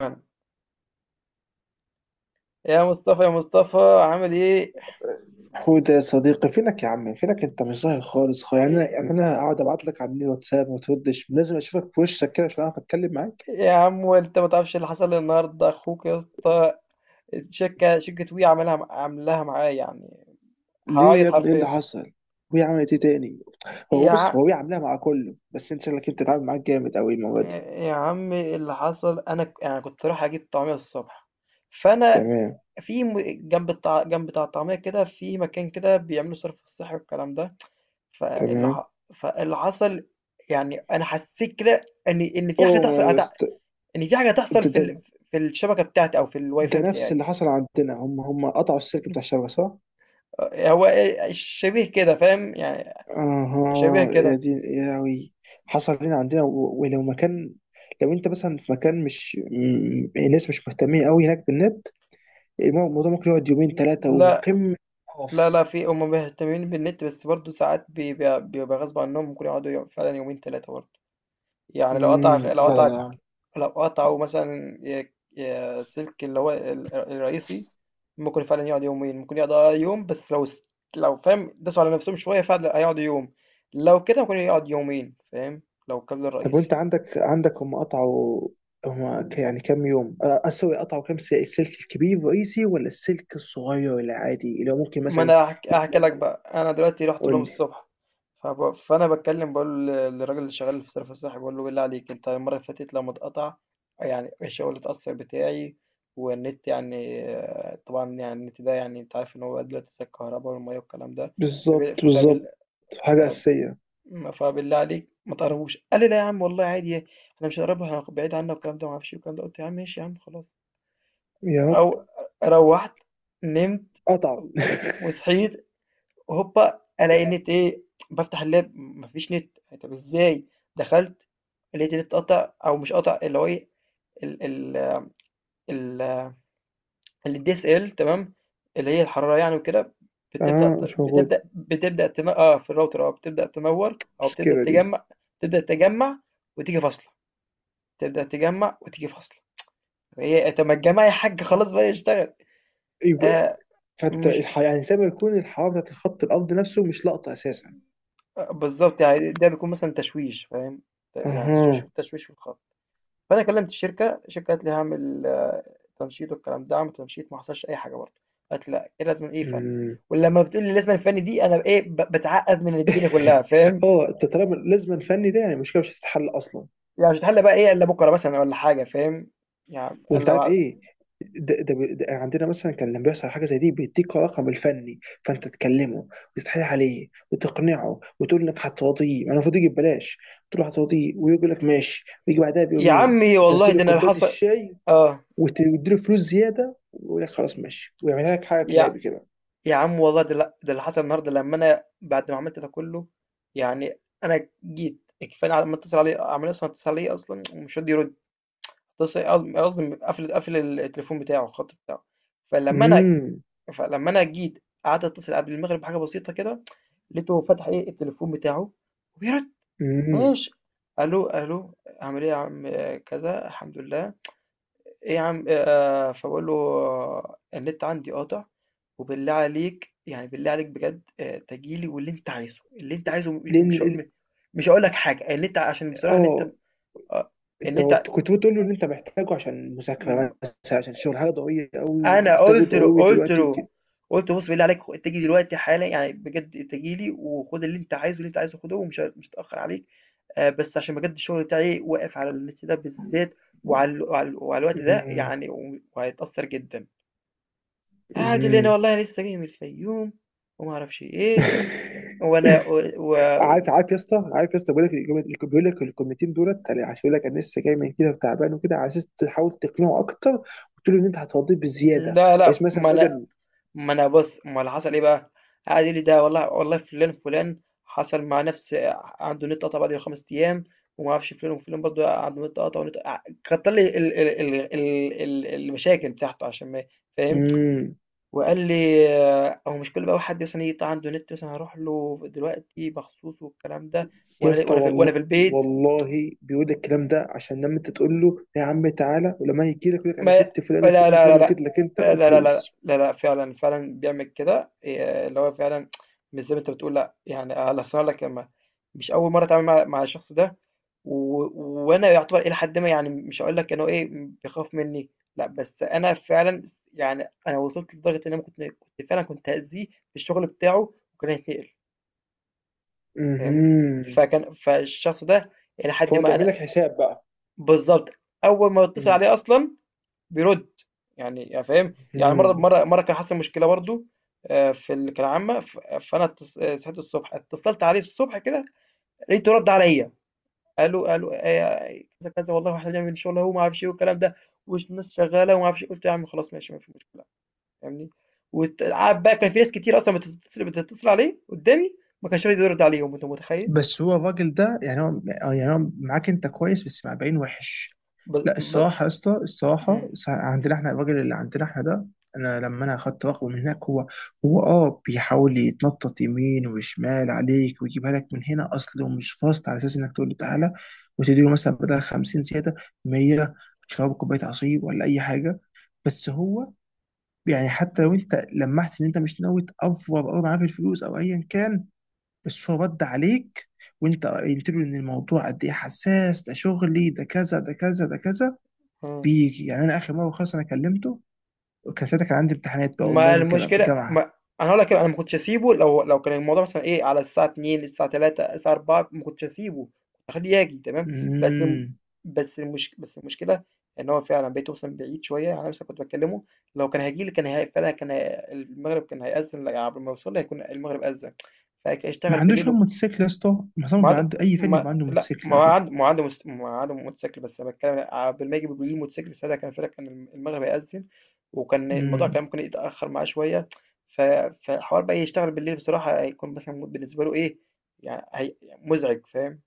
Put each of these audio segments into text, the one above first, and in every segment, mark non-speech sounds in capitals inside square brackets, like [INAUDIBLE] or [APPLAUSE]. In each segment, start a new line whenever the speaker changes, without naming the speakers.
فعلًا. يا مصطفى، عامل إيه؟
حوده، يا صديقي، فينك يا عم؟ فينك؟ انت مش ظاهر خالص خالص. يعني انا
إيه
يعني انا اقعد ابعت لك على الواتساب وما تردش. لازم اشوفك في وشك كده عشان اعرف اتكلم معاك.
يا عم وأنت ما تعرفش اللي حصل لي النهارده أخوك يا اسطى. الشركة شركة وي عاملاها معايا يعني.
ليه يا
هاعيط
ابني؟ ايه اللي
حرفيًا.
حصل؟ وهي عملت ايه تاني؟ هو
يا
بص،
ع...
هو هي عاملاها مع كله، بس انت شكلك انت اتعامل معاك جامد قوي المره دي.
يا عم اللي حصل، أنا يعني كنت رايح أجيب طعمية الصبح، فأنا
تمام.
في م- جنب جنب بتاع الطعمية كده، في مكان كده بيعملوا صرف صحي والكلام ده.
تمام.
فاللي حصل، يعني أنا حسيت كده إن في حاجة
اوه
تحصل،
ماي جاد.
إن في حاجة تحصل
ده,
في
ده,
في الشبكة بتاعتي أو في الواي
ده
فاي
نفس
بتاعي.
اللي حصل عندنا. هم قطعوا السلك بتاع
[LAUGHS]
الشبكه، صح؟
هو إيه، شبيه كده، فاهم؟ يعني شبيه
اها، يا
كده.
دين يا وي. حصل هنا عندنا. ولو مكان، لو انت مثلا في مكان مش م- الناس مش مهتمين قوي هناك بالنت، الموضوع ممكن يقعد يومين ثلاثة.
لأ،
وقمة!
لأ،
اوف.
لأ، في هم مهتمين بالنت، بس برضه ساعات بيبقى غصب عنهم، ممكن يقعدوا فعلًا يومين 3 برضه. يعني لو قطع لو
لا لا
قطع
لا.
لو قطعوا مثلًا ي ي سلك اللي هو الرئيسي، ممكن فعلًا يقعد يومين، ممكن يقعد آه يوم. بس لو س لو فاهم داسوا على نفسهم شوية فعلًا هيقعدوا يوم، لو كده ممكن يقعد يومين، فاهم؟ لو الكابل
طب
الرئيسي.
وانت عندك هم قطعوا؟ يعني كام يوم؟ اسوي قطعوا كام؟ السلك الكبير الرئيسي، ولا السلك الصغير، ولا عادي اللي هو ممكن
ما
مثلا
انا هحكي لك
يتلم؟
بقى، انا دلوقتي رحت
قول
لهم
لي.
الصبح. فانا بتكلم، بقول للراجل اللي شغال في صرف الصحي، بقول له بالله عليك، انت المره اللي فاتت لما اتقطع، يعني الشغل اتاثر، بتاعي والنت يعني آه، طبعا يعني النت ده يعني انت عارف ان هو دلوقتي زي الكهرباء والميه والكلام ده.
بالظبط،
فب... فبال...
بالظبط. حاجة
فب...
أساسية.
فبالله عليك ما تقربوش. قال لي لا يا عم، والله عادي، انا مش هقربها، بعيد عنها والكلام ده ما اعرفش إيه والكلام ده. قلت يا عم ماشي يا عم خلاص.
يا رب.
او روحت، نمت،
قطعوا [LAUGHS]
وصحيت، هوبا ألاقي النت إيه، بافتح اللاب ما فيش نت. طب إزاي؟ دخلت لقيت النت قطع أو مش قطع، اللي هو إيه، ال ال ال الدي اس ال DSL، تمام؟ اللي هي الحرارة يعني وكده، بتبدأ
اه،
ت-
مش موجود
بتبدأ بتبدأ تن... اه في الراوتر، اه بتبدأ تنور أو بتبدأ
المشكلة دي؟
تجمع، تبدأ تجمع وتيجي فاصلة، تبدأ تجمع وتيجي فاصلة. هي طب ما الجماعة يا حاج خلاص بقى يشتغل.
يبقى
آه.
فانت
مش
يعني زي ما يكون الحرارة بتاعت الخط الأرض نفسه مش لقطة أساسا.
آه، بالظبط، يعني ده بيكون مثلا تشويش، فاهم؟ يعني تشويش،
أها.
في الخط. فأنا كلمت الشركة، الشركة قالت لي هاعمل تنشيط والكلام ده، عملت تنشيط ما حصلش أي حاجة برضه، قالت لأ إيه لازمًا إيه فني.
أمم.
ولمّا بتقول لي لازمًا فني دي، أنا إيه، باتعقد من الدنيا كلها،
[LAUGHS]
فاهم؟
اه، انت طالما لازم الفني ده، يعني المشكله مش هتتحل اصلا.
يعني مش هتحل بقى إيه إلا بكرة مثلًا والّا حاجة، فاهم؟ يعني
وانت
إلا
عارف
بعد.
ايه؟ ده عندنا مثلا كان لما بيحصل حاجه زي دي بيديك رقم الفني، فانت تكلمه وتتحايل عليه وتقنعه وتقول انك هتراضيه. انا المفروض يجي ببلاش. تقول له هتراضيه ويقول لك ماشي، ويجي بعدها
يا
بيومين،
عمي والله
وتنزل له
ده أنا اللي
كوبايه
حصل.
الشاي
آه،
وتديله فلوس زياده ويقول لك خلاص ماشي، ويعملها لك حاجه
يا
كلابي كده.
يا عم والله ده لأ، ده اللي حصل النهارده، لمّا أنا بعد ما عملت ده كله، يعني أنا جيت كفاية. أنا لمّا أتصل عليه عمال أصلًا، أتصل عليه أصلًا ومش راضي يرد. اتص قصد قصدي قافل، التليفون بتاعه، الخط بتاعه. فلمّا أنا
امم.
فلمّا أنا جيت قعدت أتصل قبل المغرب بحاجة بسيطة كده، لقيته فتح إيه التليفون بتاعه وبيرد.
امم.
ماشي، ألو، ألو، عامل إيه يا عم، آه، كذا، الحمد لله، إيه يا عم. فباقول له آه، النت عندي قاطع، وبالله عليك يعني، بالله عليك بجد، تيجي لي واللي أنت عايزه، اللي أنت عايزه، م
لان
مش ه
ال-
م مش هاقول لك حاجة، النت عشان بصراحة النت
اه،
آه، النت
كنت بتقول له ان انت محتاجه عشان
م
مذاكره مثلا، عشان شغل، حاجه ضروريه قوي
انا
ومحتاجه
قلت له،
ضروري دلوقتي وكده.
قلت له بص بالله عليك، انت تيجي دلوقتي حالا، يعني بجد انت تيجي لي وخد اللي انت عايزه، اللي انت عايزه خده، مش هتاخر عليك، آه، بس عشان بجد الشغل بتاعي واقف على النت ده بالذات، وعلى وعلى الوقت ده
امم.
يعني، وهيتأثر جدا. قاعد يقول لي انا
امم.
والله لسه جاي من الفيوم وما اعرفش ايه،
[LAUGHS]
وانا و... و...
عارف يا اسطى، بيقول لك بيقول لك الكلمتين دولت أنا عشان يقول لك انا لسه جاي من كده وتعبان وكده، على اساس تحاول تقنعه اكتر وتقول له ان انت هترضيه بزياده،
لا
بحيث
لا
مثلا
ما انا،
بدل.
ما أنا بُص، ما اللي حصل إيه بقى، قعد يقول لي ده والله والله فُلان، فُلان حصل معاه نفس، عنده النت قطع بعد 5 أيام، وما أعرفش فُلان وفُلان برضه عنده النت قطع، والنت ع كتّر لي ال ال ال ال ال المشاكل بتاعته عشان ما فاهم،
امم.
وقال لي آه، هو مش كل بقى حد مثلًا يقطع عنده نت مثلًا هاروح له دلوقتي مخصوص والكلام ده،
يا اسطى والله،
وأنا في البيت.
والله بيقول لك الكلام ده عشان لما انت تقول له يا عم تعالى، ولما يجي لك يقول لك انا
ما
سبت فلان
لا لا
وفلان وفلان
لا
وجيت
لأ،
لك انت،
لا لا لا
وفلوس.
لا لأ، فعلًا، فعلًا بيعمل كده، اللي هو فعلًا مش زي ما أنت بتقول، لأ، يعني على أصل هاقول لك، أنا مش أول مرّة أتعامل مع الشخص ده. و وأنا يعتبر إلى حدٍ ما، يعني مش هاقول لك إن هو إيه، بيخاف منّي، لأ، بس أنا فعلًا يعني أنا وصلت لدرجة إن أنا كنت، كنت فعلًا كنت هأذيه في الشغل بتاعه وكان هيتنقل، فاهمني؟
امم.
فالشخص ده إلى حدٍ
فهو
ما
بيعمل
أنا،
لك حساب بقى.
بالضبط. أول ما باتصل عليه أصلًا بيرد، يعني يعني فاهم، يعني مره
امم.
مره مره كان حصل مشكله برضو، آه، في اللي كان عامه آه، صحيت الصبح، اتصلت عليه الصبح كده لقيته رد عليا، قالوا آه، كذا كذا والله احنا بنعمل شغل اهو ما اعرفش ايه والكلام ده، والناس شغاله وما اعرفش إيه. قلت يا عم خلاص ماشي ما في مشكله، فاهمني؟ وقعد بقى، كان في ناس كتير اصلا بتتصل عليه قدامي ما كانش راضي يرد عليهم، انت متخيل؟
بس هو الراجل ده، يعني هو، يعني هو معاك انت كويس بس مع باين وحش.
ب...
لا،
ب...
الصراحة يا اسطى، الصراحة
مم.
عندنا احنا الراجل اللي عندنا احنا ده، انا لما اخدت رقمه من هناك، هو، هو اه بيحاول يتنطط يمين وشمال عليك ويجيبها لك من هنا. اصله مش فاصل، على اساس انك تقول له تعالى وتديله مثلا بدل 50 زيادة 100، تشرب كوباية عصير ولا اي حاجة. بس هو يعني حتى لو انت لمحت ان انت مش ناوي تأفور او معاه في الفلوس او ايا كان، بس هو رد عليك وانت قلت له ان الموضوع قد ايه حساس، ده شغلي، ده كذا، ده كذا، ده كذا،
مم.
بيجي. يعني انا اخر مره خلاص انا كلمته، وكان ساعتها كان عندي امتحانات بقى
ما
اونلاين وكده في
المشكلة
الجامعه.
ما انا هقول لك إيه، انا ما كنتش اسيبه، لو لو كان الموضوع مثلا ايه على الساعة 2 الساعة 3 الساعة 4، ما كنتش اسيبه، كنت اخليه يجي تمام. بس الم-
امم.
بس المشكلة ان هو فعلا بقيت اوصل بعيد شوية، انا لسه كنت بكلمه، لو كان هيجي لي كان فعلا كان المغرب كان هيأذن، لا، قبل ما يوصل لي هيكون المغرب أذن،
ما
فهيشتغل
عندوش هو
بالليل.
موتوسيكل يا اسطى؟ معظم
ما
بيبقى
عاد
عنده، اي فني
ما
بيبقى عنده
لأ،
موتوسيكل
ما هو
على فكره.
عند ما هو عنده مس ما هو عنده موتوسيكل، بس أنا باتكلم عبد المجيد بيجيب الموتوسيكل، ساعتها كان الفرق، كان المغرب هيأذن، وكان الموضوع كان
امم.
ممكن يتأخر معاه شوية، ف فحوار بقى يشتغل بالليل بصراحة، هيكون مثلًا بالنسبة له إيه، يعني هي مزعج، فاهم؟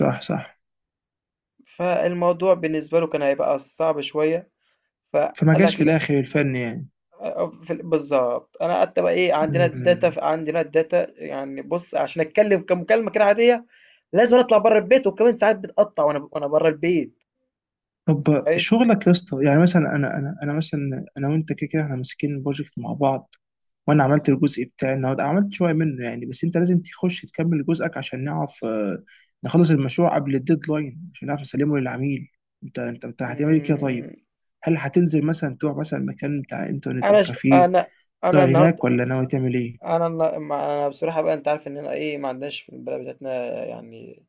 صح، صح.
فالموضوع بالنسبة له كان هيبقى صعب شوية، فقال
فما جاش في
لك
الاخر الفن، يعني.
آه، آه، بالظبط، انا قعدت بقى ايه، عندنا الداتا،
امم.
عندنا الداتا، يعني بص عشان اتكلم كمكالمه كده عاديه، لازم اطلع بره البيت، وكمان ساعات بتقطع وانا، بره البيت،
طب
متخيل؟
شغلك يا اسطى، يعني مثلا انا وانت كده كده احنا ماسكين بروجكت مع بعض، وانا عملت الجزء بتاعي النهارده، عملت شويه منه يعني، بس انت لازم تخش تكمل جزءك عشان نعرف آه، نخلص المشروع قبل الديدلاين عشان نعرف نسلمه للعميل. انت هتعمل ايه كده طيب؟
مم،
هل هتنزل مثلا تروح مثلا مكان بتاع انترنت او
انا ش...
كافيه
انا انا
تشتغل هناك،
النهارده
ولا ناوي تعمل ايه؟
انا انا بصراحه بقى، انت عارف اننا ايه، ما عندناش في البلد بتاعتنا يعني،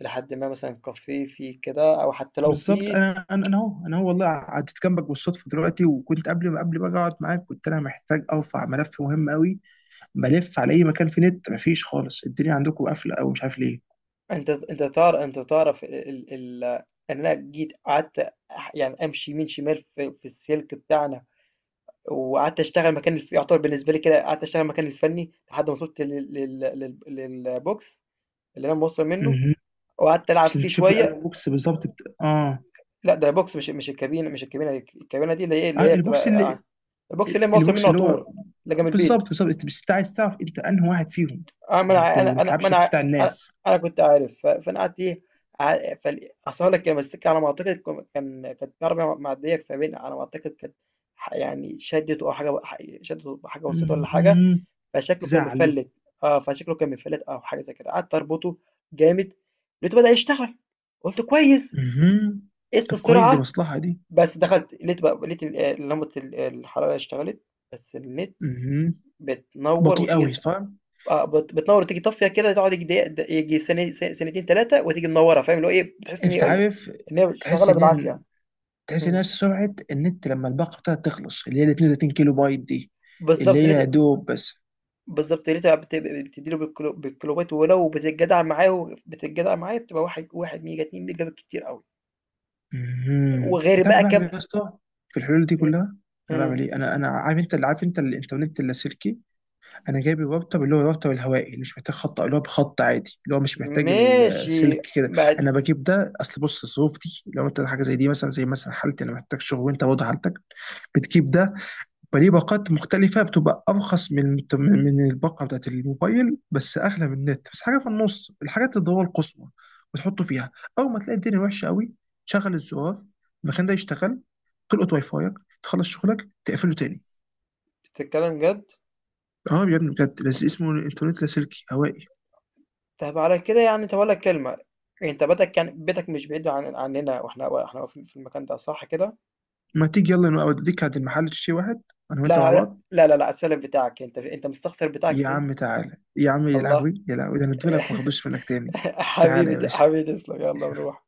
لحد ما مثلا كافيه فيه كده، او حتى لو
بالظبط،
فيه.
انا هو والله قعدت جنبك بالصدفه دلوقتي، وكنت قبل ما اقعد معاك كنت انا محتاج ارفع ملف مهم قوي. بلف على اي مكان في نت، مفيش خالص. الدنيا عندكم قافله او مش عارف ليه.
انت انت تعرف انت تعرف ال... ال... ال... ان انا جيت قعدت، يعني امشي يمين شمال في السلك بتاعنا، وقعدت اشتغل مكان يعتبر بالنسبه لي كده، قعدت اشتغل مكان الفني لحد ما وصلت للبوكس اللي انا موصل منه،
مهم.
وقعدت العب
عشان
فيه
تشوفوا
شويه.
الانو بوكس بالظبط، بت... اه
لا، ده بوكس مش، الكابينه، الكابينه دي اللي هي،
آه، البوكس
بتبقى
اللي
آه، البوكس اللي انا موصل منه
البوكس
على
اللي هو،
طول، اللي جنب البيت.
بالظبط، بالظبط. انت بس عايز تعرف انت انهي واحد فيهم،
اه، ما
عشان
انا
ما تلعبش في بتاع
انا
الناس.
أنا كنت عارف، ف- فانا قعدت ايه، اصل لك كان السكه على ما اعتقد كانت عربيه معديه فبين على ما اعتقد كانت يعني شدت او حاجه، شدت حاجه بسيطه ولا حاجه،
مهم.
فشكله كان
تزعل ليه؟
مفلّت. آه، فشكله كان مفلّت أو حاجة زي كده، قعدت أربطه جامد، لقيته بدأ يشتغل، قُلت كويس،
مهم.
قِس
طب كويس، دي
السرعة.
مصلحه دي.
بس دخلت لقيت بقى لقيت آه، لمبة آه، الحرارة اشتغلت، بس النت
مهم.
بتنوّر
بطيء قوي،
وتيجي،
فاهم؟
آه، بتنوّر وتيجي طافية كده، تقعد ييجي دقيقة، ييجي ثاني، ثانيتين 3، وتيجي منوّرة، فاهم؟ اللي هو إيه، بتحس
انت عارف،
إن هي
تحس
شغّالة
ان هي،
بالعافية.
تحس ان هي
إمم،
سرعه النت لما الباقه بتاعتها تخلص، اللي هي ال 32 كيلو بايت دي، اللي
بالضبط
هي
لقيت،
دوب بس.
بالضبط لقيتها بتدّي له بالكيلو، بالكيلووات، ولو بتتجدع معاه، وبتتجدع معاه بتبقى 1 ميجا 2 ميجا بالكتير أوي.
مهم.
وغير
انت عارف
بقى
بعمل ايه يا
كام.
اسطى في الحلول دي
إمم.
كلها؟ انا بعمل
إمم.
ايه، انا عارف انت اللي عارف، انت الانترنت اللاسلكي، انا جايب الراوتر، اللي هو الراوتر الهوائي، اللي مش محتاج خط، اللي هو بخط عادي، اللي هو مش محتاج
ماشي،
السلك كده.
بقت
انا بجيب ده، اصل بص، الظروف دي لو انت حاجه زي دي، مثلا زي مثلا حالتي، انا محتاج شغل، وانت برضه حالتك، بتجيب ده. فليه باقات مختلفة بتبقى أرخص من، من من الباقة بتاعت الموبايل، بس أغلى من النت بس، حاجة في النص الحاجات الضرورة القصوى، وتحطه فيها. أول ما تلاقي الدنيا وحشة قوي، تشغل الزرار، المكان ده يشتغل، تلقط واي فايك، تخلص شغلك، تقفله تاني.
بتتكلم جد؟
اه يا ابني بجد، اسمه الإنترنت لاسلكي هوائي.
طب على كده يعني، طب أقول لك كلمة، أنت بيتك يعني، بيتك مش بعيد عن عننا، وإحنا في المكان ده، صح كده؟
ما تيجي يلا نبقى أوديك عند المحل تشتري واحد، أنا وأنت مع
لا، لأ،
بعض.
لا، لا، لأ، السلم بتاعك، أنت مستخسر بتاعك
يا
فيّا؟
عم تعالى يا عم، يا
الله!
لهوي يا لهوي، ده أنا ادولك ما خدوش منك تاني.
[LAUGHS]
تعالى
حبيبي
يا باشا.
حبيبي تسلم، يالّا نروح.